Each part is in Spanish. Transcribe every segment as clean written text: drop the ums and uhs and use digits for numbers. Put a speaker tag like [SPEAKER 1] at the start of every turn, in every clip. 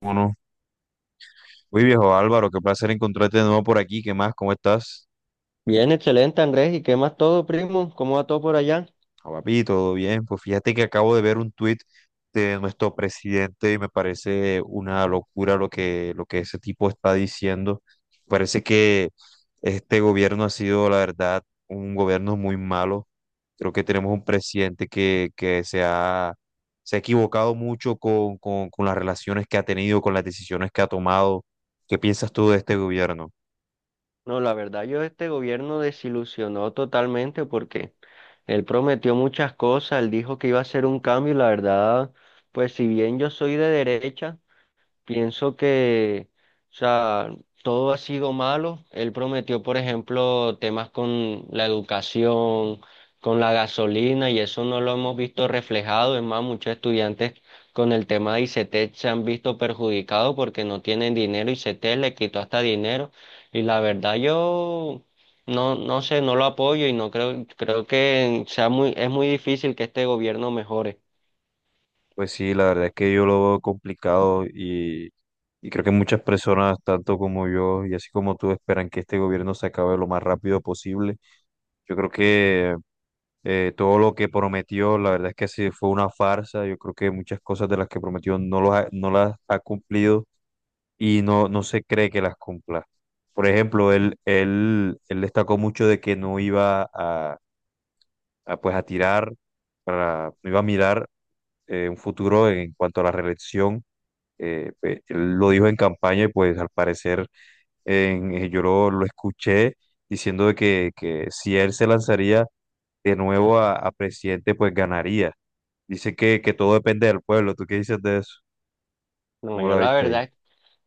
[SPEAKER 1] Bueno, muy viejo Álvaro, qué placer encontrarte de nuevo por aquí. ¿Qué más? ¿Cómo estás?
[SPEAKER 2] Bien, excelente Andrés. ¿Y qué más todo, primo? ¿Cómo va todo por allá?
[SPEAKER 1] Ah, papi, todo bien. Pues fíjate que acabo de ver un tuit de nuestro presidente y me parece una locura lo que ese tipo está diciendo. Parece que este gobierno ha sido, la verdad, un gobierno muy malo. Creo que tenemos un presidente que se ha equivocado mucho con las relaciones que ha tenido, con las decisiones que ha tomado. ¿Qué piensas tú de este gobierno?
[SPEAKER 2] No, la verdad yo este gobierno desilusionó totalmente porque él prometió muchas cosas, él dijo que iba a hacer un cambio y la verdad, pues si bien yo soy de derecha, pienso que, o sea, todo ha sido malo. Él prometió, por ejemplo, temas con la educación, con la gasolina, y eso no lo hemos visto reflejado. Es más, muchos estudiantes con el tema de ICETEX se han visto perjudicados porque no tienen dinero. ICETEX le quitó hasta dinero. Y la verdad, yo no sé, no lo apoyo y no creo, creo que sea muy, es muy difícil que este gobierno mejore.
[SPEAKER 1] Pues sí, la verdad es que yo lo veo complicado y creo que muchas personas, tanto como yo y así como tú, esperan que este gobierno se acabe lo más rápido posible. Yo creo que todo lo que prometió, la verdad es que sí fue una farsa. Yo creo que muchas cosas de las que prometió no, no las ha cumplido y no, no se cree que las cumpla. Por ejemplo, él destacó mucho de que no iba a no iba a mirar un futuro en cuanto a la reelección. Pues, él lo dijo en campaña y pues al parecer yo lo escuché diciendo de que si él se lanzaría de nuevo a presidente, pues ganaría. Dice que todo depende del pueblo. ¿Tú qué dices de eso?
[SPEAKER 2] No,
[SPEAKER 1] ¿Cómo
[SPEAKER 2] yo
[SPEAKER 1] la
[SPEAKER 2] la
[SPEAKER 1] viste ahí?
[SPEAKER 2] verdad.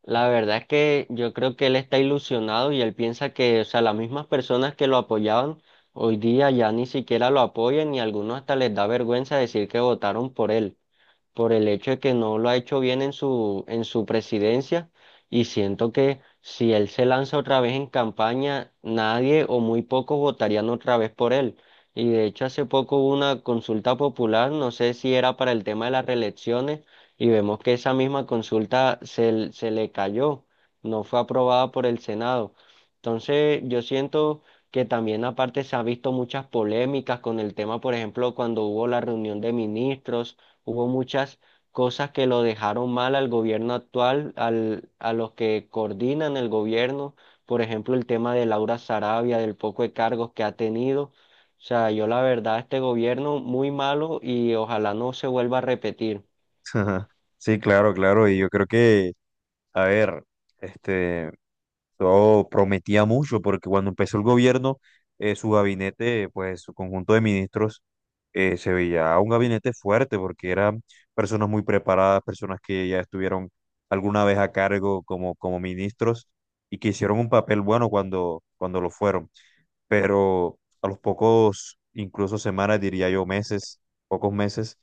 [SPEAKER 2] La verdad es que yo creo que él está ilusionado y él piensa que, o sea, las mismas personas que lo apoyaban hoy día ya ni siquiera lo apoyan y a algunos hasta les da vergüenza decir que votaron por él por el hecho de que no lo ha hecho bien en su presidencia y siento que si él se lanza otra vez en campaña, nadie o muy pocos votarían otra vez por él. Y de hecho hace poco hubo una consulta popular, no sé si era para el tema de las reelecciones, y vemos que esa misma consulta se, se le cayó, no fue aprobada por el Senado. Entonces yo siento que también aparte se ha visto muchas polémicas con el tema, por ejemplo, cuando hubo la reunión de ministros hubo muchas cosas que lo dejaron mal al gobierno actual, a los que coordinan el gobierno, por ejemplo, el tema de Laura Sarabia, del poco de cargos que ha tenido. O sea, yo la verdad, este gobierno muy malo y ojalá no se vuelva a repetir.
[SPEAKER 1] Sí, claro, claro. Y yo creo que, a ver, este... eso prometía mucho porque cuando empezó el gobierno, su gabinete, pues su conjunto de ministros, se veía un gabinete fuerte porque eran personas muy preparadas, personas que ya estuvieron alguna vez a cargo como, como ministros y que hicieron un papel bueno cuando, cuando lo fueron, pero a los pocos, incluso semanas, diría yo meses, pocos meses,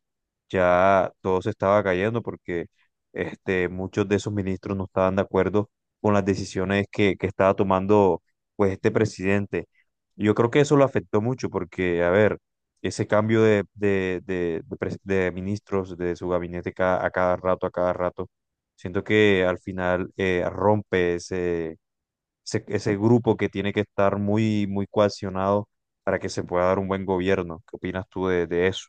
[SPEAKER 1] ya todo se estaba cayendo porque muchos de esos ministros no estaban de acuerdo con las decisiones que estaba tomando pues este presidente. Yo creo que eso lo afectó mucho porque, a ver, ese cambio de ministros, de su gabinete a cada rato, a cada rato. Siento que al final rompe ese grupo que tiene que estar muy, muy cohesionado para que se pueda dar un buen gobierno. ¿Qué opinas tú de eso?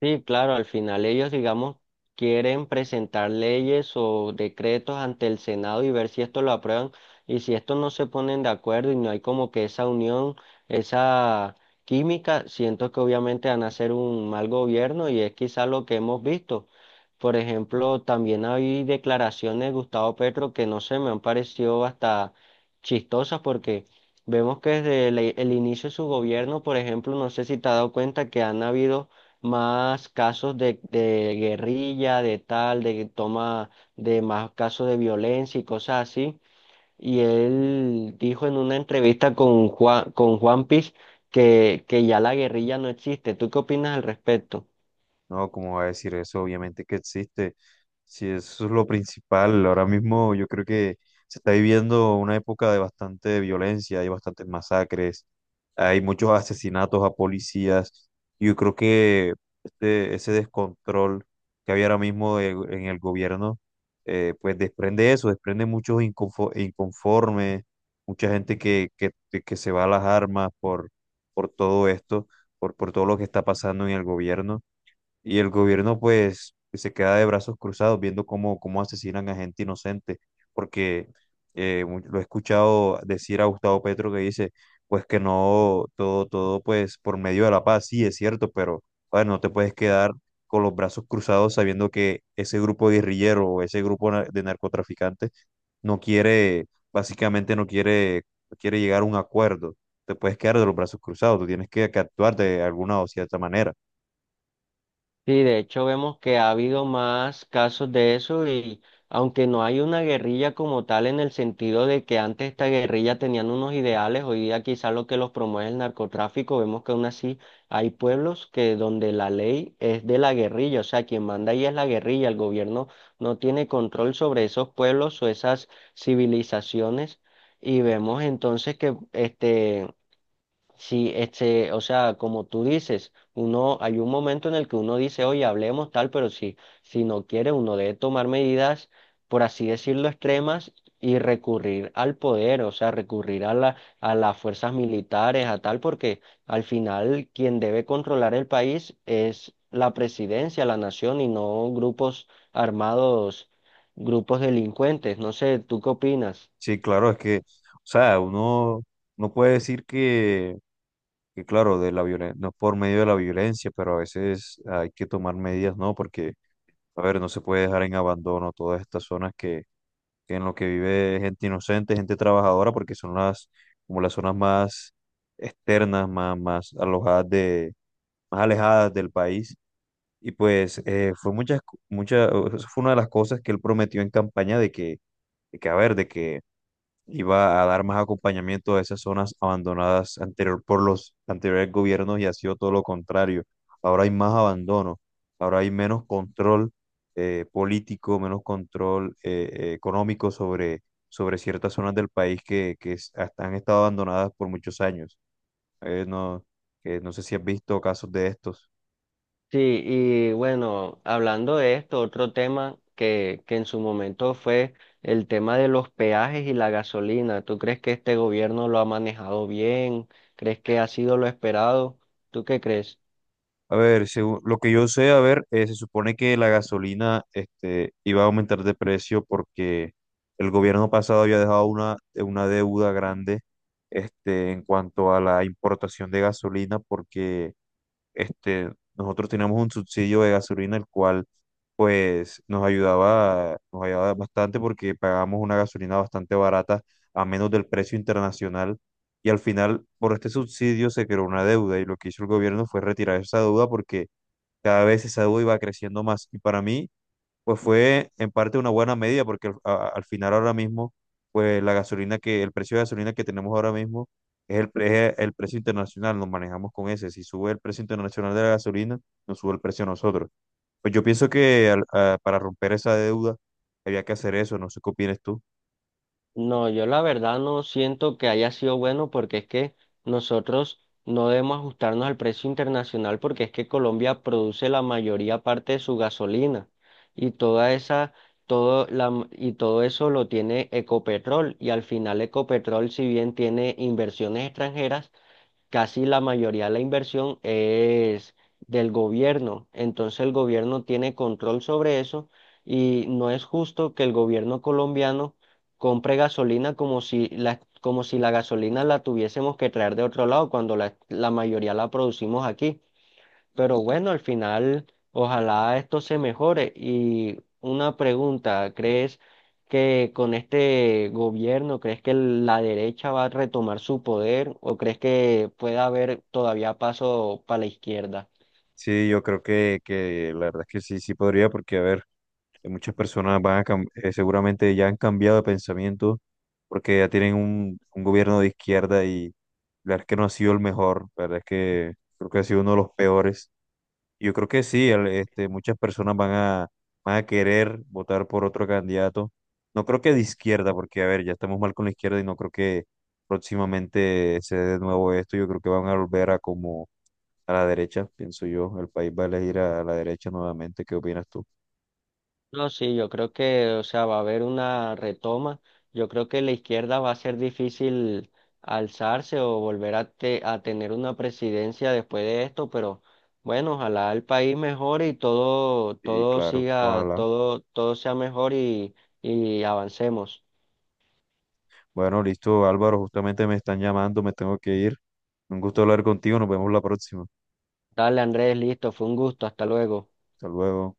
[SPEAKER 2] Sí, claro, al final ellos, digamos, quieren presentar leyes o decretos ante el Senado y ver si esto lo aprueban y si esto no se ponen de acuerdo y no hay como que esa unión, esa química, siento que obviamente van a hacer un mal gobierno y es quizá lo que hemos visto. Por ejemplo, también hay declaraciones de Gustavo Petro que no sé, me han parecido hasta chistosas porque vemos que desde el inicio de su gobierno, por ejemplo, no sé si te has dado cuenta que han habido más casos de guerrilla, de tal, de toma, de más casos de violencia y cosas así. Y él dijo en una entrevista con Juan Piz que ya la guerrilla no existe. ¿Tú qué opinas al respecto?
[SPEAKER 1] No, ¿cómo va a decir eso? Obviamente que existe. Si eso es lo principal, ahora mismo yo creo que se está viviendo una época de bastante violencia, hay bastantes masacres, hay muchos asesinatos a policías. Yo creo que ese descontrol que había ahora mismo en el gobierno, pues desprende eso, desprende muchos inconformes, mucha gente que se va a las armas por todo esto, por todo lo que está pasando en el gobierno. Y el gobierno pues se queda de brazos cruzados viendo cómo, cómo asesinan a gente inocente, porque lo he escuchado decir a Gustavo Petro que dice pues que no, todo, todo pues por medio de la paz, sí es cierto, pero a ver, no te puedes quedar con los brazos cruzados sabiendo que ese grupo guerrillero o ese grupo de narcotraficantes no quiere, básicamente no quiere, no quiere llegar a un acuerdo. Te puedes quedar de los brazos cruzados, tú tienes que actuar de alguna o cierta manera.
[SPEAKER 2] Sí, de hecho vemos que ha habido más casos de eso y aunque no hay una guerrilla como tal en el sentido de que antes esta guerrilla tenían unos ideales, hoy día quizás lo que los promueve es el narcotráfico, vemos que aún así hay pueblos que donde la ley es de la guerrilla, o sea, quien manda ahí es la guerrilla, el gobierno no tiene control sobre esos pueblos o esas civilizaciones y vemos entonces que este. Sí, este, o sea, como tú dices, uno, hay un momento en el que uno dice, oye, hablemos tal, pero si, si no quiere, uno debe tomar medidas, por así decirlo, extremas y recurrir al poder, o sea, recurrir a las fuerzas militares, a tal, porque al final quien debe controlar el país es la presidencia, la nación y no grupos armados, grupos delincuentes. No sé, ¿tú qué opinas?
[SPEAKER 1] Sí, claro, es que, o sea, uno no puede decir que claro, de la violencia, no por medio de la violencia, pero a veces hay que tomar medidas, ¿no? Porque, a ver, no se puede dejar en abandono todas estas zonas que en lo que vive gente inocente, gente trabajadora, porque son las, como las zonas más externas, más alojadas de, más alejadas del país. Y pues muchas, fue una de las cosas que él prometió en campaña de que iba a dar más acompañamiento a esas zonas abandonadas anterior por los anteriores gobiernos y ha sido todo lo contrario. Ahora hay más abandono, ahora hay menos control político, menos control económico sobre ciertas zonas del país que hasta han estado abandonadas por muchos años. Eh, no, no sé si has visto casos de estos.
[SPEAKER 2] Sí, y bueno, hablando de esto, otro tema que en su momento fue el tema de los peajes y la gasolina. ¿Tú crees que este gobierno lo ha manejado bien? ¿Crees que ha sido lo esperado? ¿Tú qué crees?
[SPEAKER 1] A ver, según lo que yo sé, a ver, se supone que la gasolina iba a aumentar de precio porque el gobierno pasado había dejado una deuda grande en cuanto a la importación de gasolina porque nosotros teníamos un subsidio de gasolina el cual pues nos ayudaba bastante porque pagábamos una gasolina bastante barata a menos del precio internacional. Y al final, por este subsidio se creó una deuda y lo que hizo el gobierno fue retirar esa deuda porque cada vez esa deuda iba creciendo más. Y para mí, pues fue en parte una buena medida, porque al final ahora mismo, pues la gasolina que, el precio de gasolina que tenemos ahora mismo es es el precio internacional, nos manejamos con ese. Si sube el precio internacional de la gasolina, nos sube el precio a nosotros. Pues yo pienso que para romper esa deuda había que hacer eso, no sé qué opinas tú.
[SPEAKER 2] No, yo la verdad no siento que haya sido bueno porque es que nosotros no debemos ajustarnos al precio internacional porque es que Colombia produce la mayoría parte de su gasolina y toda esa, y todo eso lo tiene Ecopetrol y al final Ecopetrol si bien tiene inversiones extranjeras casi la mayoría de la inversión es del gobierno. Entonces el gobierno tiene control sobre eso y no es justo que el gobierno colombiano compre gasolina como si la gasolina la tuviésemos que traer de otro lado cuando la mayoría la producimos aquí. Pero bueno, al final, ojalá esto se mejore. Y una pregunta, ¿crees que con este gobierno, crees que la derecha va a retomar su poder o crees que pueda haber todavía paso para la izquierda?
[SPEAKER 1] Sí, yo creo que la verdad es que sí, sí podría, porque a ver. Que muchas personas van a seguramente ya han cambiado de pensamiento porque ya tienen un gobierno de izquierda y la verdad es que no ha sido el mejor, la verdad es que creo que ha sido uno de los peores. Yo creo que sí, muchas personas van van a querer votar por otro candidato. No creo que de izquierda, porque a ver, ya estamos mal con la izquierda y no creo que próximamente se dé de nuevo esto. Yo creo que van a volver a como a la derecha, pienso yo. El país va a elegir a la derecha nuevamente. ¿Qué opinas tú?
[SPEAKER 2] No, sí, yo creo que, o sea, va a haber una retoma. Yo creo que la izquierda va a ser difícil alzarse o volver a, a tener una presidencia después de esto, pero bueno, ojalá el país mejore y todo,
[SPEAKER 1] Sí,
[SPEAKER 2] todo
[SPEAKER 1] claro,
[SPEAKER 2] siga,
[SPEAKER 1] ojalá.
[SPEAKER 2] todo, todo sea mejor y avancemos.
[SPEAKER 1] Bueno, listo, Álvaro, justamente me están llamando, me tengo que ir. Un gusto hablar contigo, nos vemos la próxima.
[SPEAKER 2] Dale, Andrés, listo, fue un gusto, hasta luego.
[SPEAKER 1] Hasta luego.